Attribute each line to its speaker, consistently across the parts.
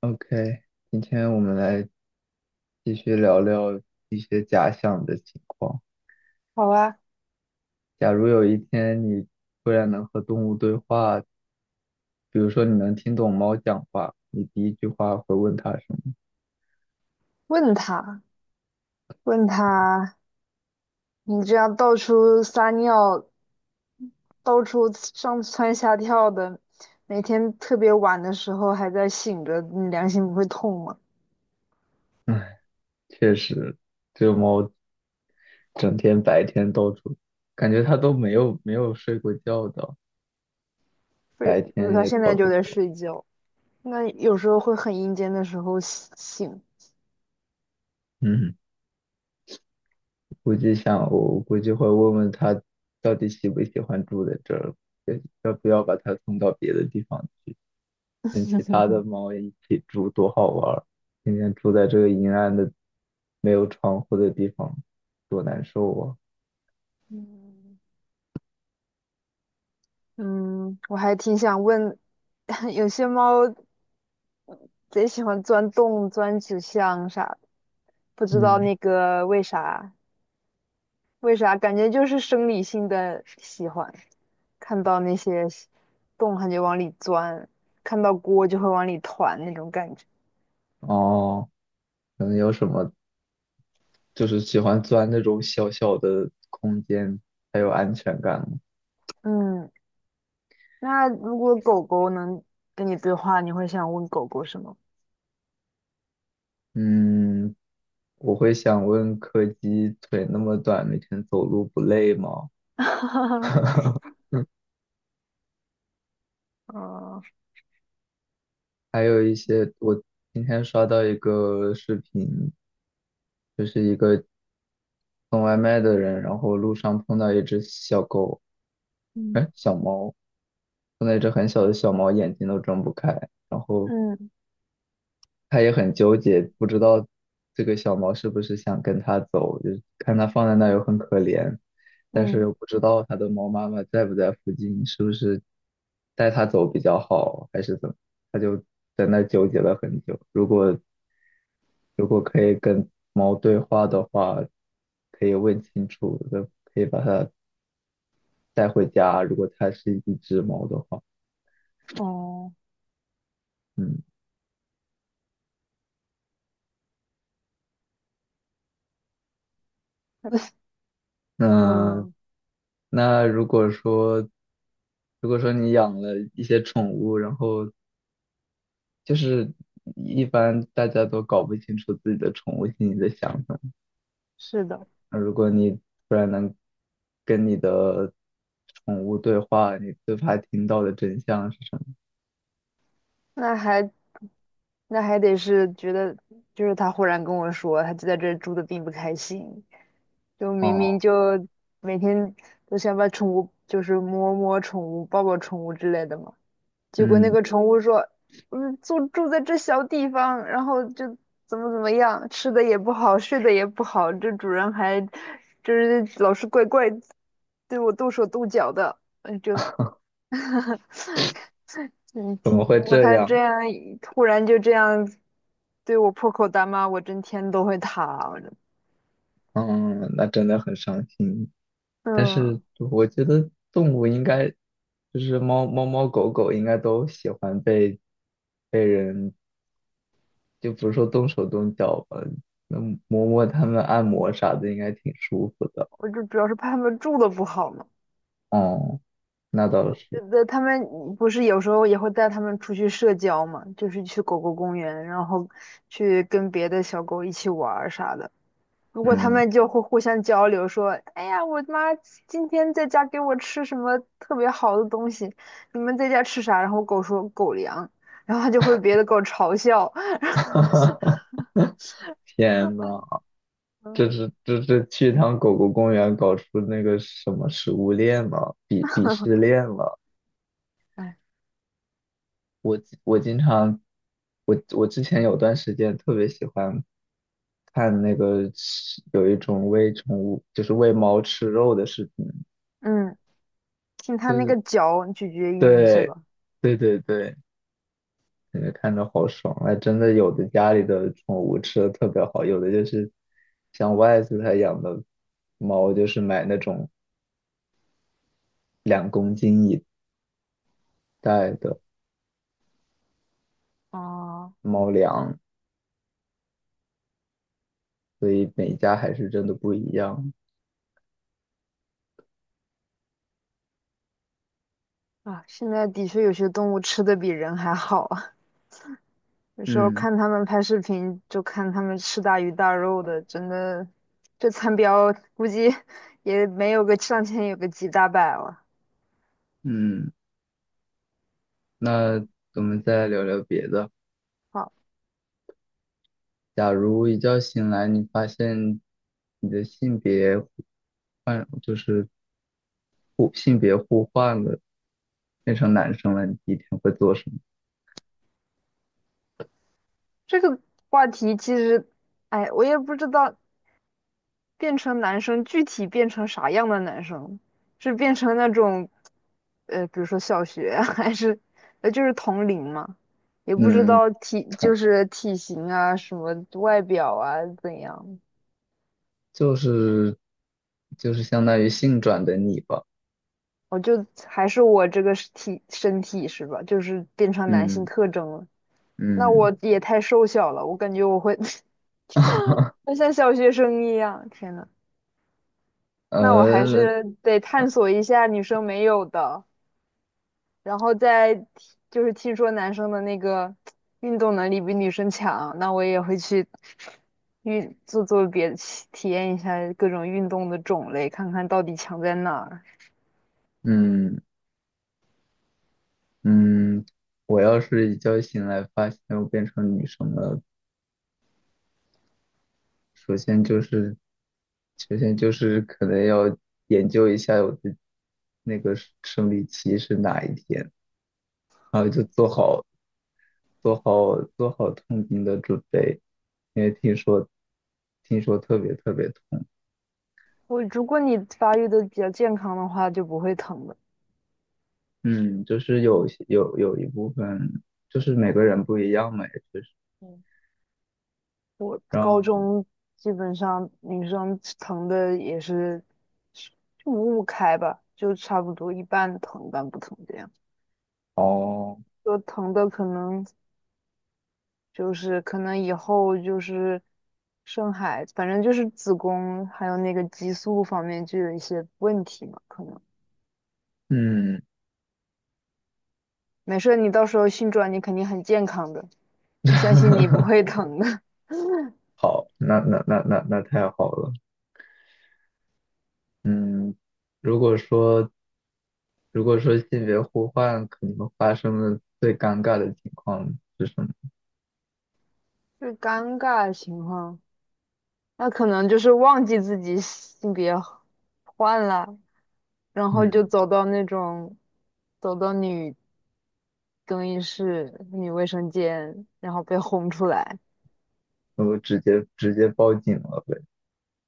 Speaker 1: OK，今天我们来继续聊聊一些假想的情况。
Speaker 2: 好啊。
Speaker 1: 假如有一天你突然能和动物对话，比如说你能听懂猫讲话，你第一句话会问它什么？
Speaker 2: 问他，问他，你这样到处撒尿，到处上蹿下跳的，每天特别晚的时候还在醒着，你良心不会痛吗？
Speaker 1: 唉，确实，这猫整天白天到处，感觉它都没有睡过觉的，
Speaker 2: 不，
Speaker 1: 白
Speaker 2: 是，不是
Speaker 1: 天
Speaker 2: 他
Speaker 1: 也
Speaker 2: 现
Speaker 1: 到
Speaker 2: 在就
Speaker 1: 处
Speaker 2: 在
Speaker 1: 跑。
Speaker 2: 睡觉。那有时候会很阴间的时候醒。
Speaker 1: 嗯，估计我估计会问问它到底喜不喜欢住在这儿，要不要把它送到别的地方去。跟其他的猫一起住，多好玩儿！天天住在这个阴暗的、没有窗户的地方，多难受啊！
Speaker 2: 嗯嗯，我还挺想问，有些猫贼喜欢钻洞、钻纸箱啥的，不知道
Speaker 1: 嗯，
Speaker 2: 那个为啥，为啥感觉就是生理性的喜欢。看到那些洞它就往里钻，看到锅就会往里团那种感觉。
Speaker 1: 哦，可能有什么就是喜欢钻那种小小的空间，才有安全感吗。
Speaker 2: 嗯，那如果狗狗能跟你对话，你会想问狗狗什么？
Speaker 1: 嗯，我会想问柯基，腿那么短，每天走路不累吗？
Speaker 2: 嗯
Speaker 1: 还有一些，我今天刷到一个视频，就是一个送外卖的人，然后路上碰到一只小狗，哎，碰到一只很小的小猫，眼睛都睁不开，然后
Speaker 2: 嗯，
Speaker 1: 他也很纠结，不知道这个小猫是不是想跟他走，就是看它放在那儿又很可怜，但是
Speaker 2: 嗯嗯，
Speaker 1: 又不知道它的猫妈妈在不在附近，是不是带它走比较好，还是怎么？他就在那儿纠结了很久。如果可以跟猫对话的话，可以问清楚，可以把它带回家，如果它是一只猫的话。
Speaker 2: 哦，
Speaker 1: 嗯，那
Speaker 2: 嗯，
Speaker 1: 那如果说你养了一些宠物，然后就是一般大家都搞不清楚自己的宠物心里的想法，
Speaker 2: 是的。
Speaker 1: 那如果你突然能跟你的宠物对话，你最怕听到的真相是什么？
Speaker 2: 那还那还得是觉得，就是他忽然跟我说，他就在这儿住的并不开心，就明明
Speaker 1: 哦，
Speaker 2: 就每天都想把宠物，就是摸摸宠物、抱抱宠物之类的嘛。结果那
Speaker 1: 嗯，
Speaker 2: 个宠物说，嗯，住在这小地方，然后就怎么怎么样，吃的也不好，睡的也不好，这主人还就是老是对我动手动脚的，嗯，就，嗯，
Speaker 1: 怎么会
Speaker 2: 如果
Speaker 1: 这
Speaker 2: 他这
Speaker 1: 样？
Speaker 2: 样突然就这样对我破口大骂，我真天都会塌。我真
Speaker 1: 嗯，那真的很伤心。但是
Speaker 2: 嗯，
Speaker 1: 我觉得动物应该就是猫猫狗狗应该都喜欢被人，就不是说动手动脚吧，能摸摸它们、按摩啥的，应该挺舒服的。
Speaker 2: 我就主要是怕他们住的不好嘛。
Speaker 1: 哦，那倒是。
Speaker 2: 的，他们不是有时候也会带他们出去社交嘛，就是去狗狗公园，然后去跟别的小狗一起玩儿啥的。如果他
Speaker 1: 嗯，
Speaker 2: 们就会互相交流，说：“哎呀，我妈今天在家给我吃什么特别好的东西，你们在家吃啥？”然后狗说“狗粮”，然后就会别的狗嘲笑。
Speaker 1: 天呐，这
Speaker 2: 嗯。
Speaker 1: 是这是去一趟狗狗公园搞出那个什么食物链了，鄙视链了。
Speaker 2: 哎，
Speaker 1: 我我经常，我之前有段时间特别喜欢看那个吃有一种喂宠物，就是喂猫吃肉的视频，
Speaker 2: 嗯，听它
Speaker 1: 就
Speaker 2: 那
Speaker 1: 是
Speaker 2: 个咀嚼音是
Speaker 1: 对，
Speaker 2: 吧？
Speaker 1: 对，感觉看着好爽。哎，真的有的家里的宠物吃的特别好，有的就是像外头他养的猫，就是买那种两公斤一袋的
Speaker 2: 哦。
Speaker 1: 猫粮，所以每家还是真的不一样。
Speaker 2: 啊，现在的确有些动物吃的比人还好。有时候
Speaker 1: 嗯
Speaker 2: 看他们拍视频，就看他们吃大鱼大肉的，真的，这餐标估计 也没有个上千，有个几大百了。
Speaker 1: 嗯。那我们再聊聊别的。
Speaker 2: 好。
Speaker 1: 假如一觉醒来，你发现你的性别换，就是性别互换了，变成男生了，你第一天会做什么？
Speaker 2: 这个话题其实，哎，我也不知道变成男生具体变成啥样的男生，是变成那种，比如说小学啊 还是，就是同龄嘛，也不知
Speaker 1: 嗯，
Speaker 2: 道体就
Speaker 1: 从
Speaker 2: 是体型啊什么外表啊怎样，
Speaker 1: 就是就是相当于性转的你吧。
Speaker 2: 我就还是我这个身体是吧？就是变成男性
Speaker 1: 嗯
Speaker 2: 特征了。那
Speaker 1: 嗯，
Speaker 2: 我也太瘦小了，我感觉我会 会像小学生一样。天呐，那我还
Speaker 1: 呃
Speaker 2: 是得探索一下女生没有的，然后再听就是听说男生的那个运动能力比女生强，那我也会去做做别的体验一下各种运动的种类，看看到底强在哪儿。
Speaker 1: 嗯嗯，我要是一觉醒来发现我变成女生了。首先就是，首先就是可能要研究一下我的那个生理期是哪一天，然后就做好痛经的准备，因为听说特别特别痛。
Speaker 2: 我如果你发育的比较健康的话，就不会疼的。
Speaker 1: 嗯，就是有些有一部分就是每个
Speaker 2: 对，
Speaker 1: 人不一样嘛，也就是
Speaker 2: 嗯，我高
Speaker 1: 让
Speaker 2: 中基本上女生疼的也是就五五开吧，就差不多一半疼一半不疼这样。
Speaker 1: 哦，
Speaker 2: 就疼的可能就是可能以后就是生孩子，反正就是子宫还有那个激素方面就有一些问题嘛，可能
Speaker 1: 嗯，
Speaker 2: 没事儿你到时候性转你肯定很健康的，你相信你不会 疼的。
Speaker 1: 好，那太好了，嗯。如果说性别互换，可能发生的最尴尬的情况是什么？
Speaker 2: 就尴尬情况，那可能就是忘记自己性别换了，然后就
Speaker 1: 嗯，
Speaker 2: 走到那种，走到女更衣室、女卫生间，然后被轰出来。
Speaker 1: 我直接报警了呗。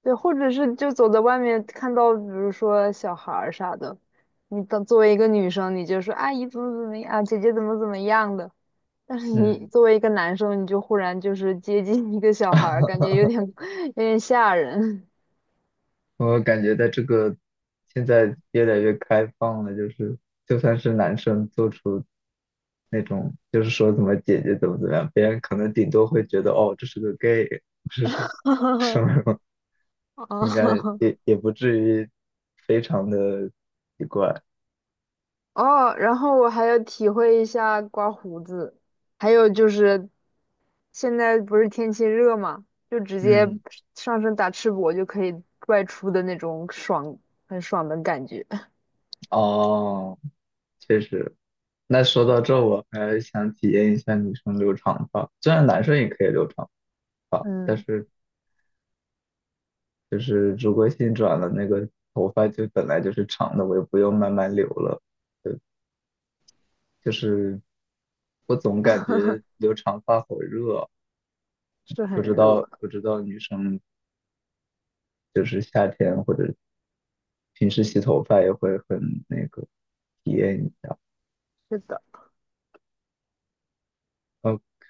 Speaker 2: 对，或者是就走在外面看到，比如说小孩儿啥的，你当作为一个女生，你就说阿姨怎么怎么样，姐姐怎么怎么样的。但是你
Speaker 1: 嗯，
Speaker 2: 作为一个男生，你就忽然就是接近一个小孩儿，感觉有点 有点吓人。
Speaker 1: 我感觉在这个现在越来越开放了，就是就算是男生做出那种就是说怎么姐姐怎么样，别人可能顶多会觉得哦这是个 gay，这是什 么，应该
Speaker 2: 啊。
Speaker 1: 也不至于非常的奇怪。
Speaker 2: 哦，然后我还要体会一下刮胡子，还有就是现在不是天气热嘛，就直接
Speaker 1: 嗯，
Speaker 2: 上身打赤膊就可以外出的那种爽，很爽的感觉。
Speaker 1: 哦，确实。那说到这，我还想体验一下女生留长发。虽然男生也可以留长发，但
Speaker 2: 嗯，
Speaker 1: 是就是如果性转了，那个头发就本来就是长的，我也不用慢慢留了。就就是我总感觉留长发好热，
Speaker 2: 是很
Speaker 1: 不知
Speaker 2: 热。
Speaker 1: 道不知道女生就是夏天或者平时洗头发也会很那个体验一下。
Speaker 2: 是的。
Speaker 1: OK，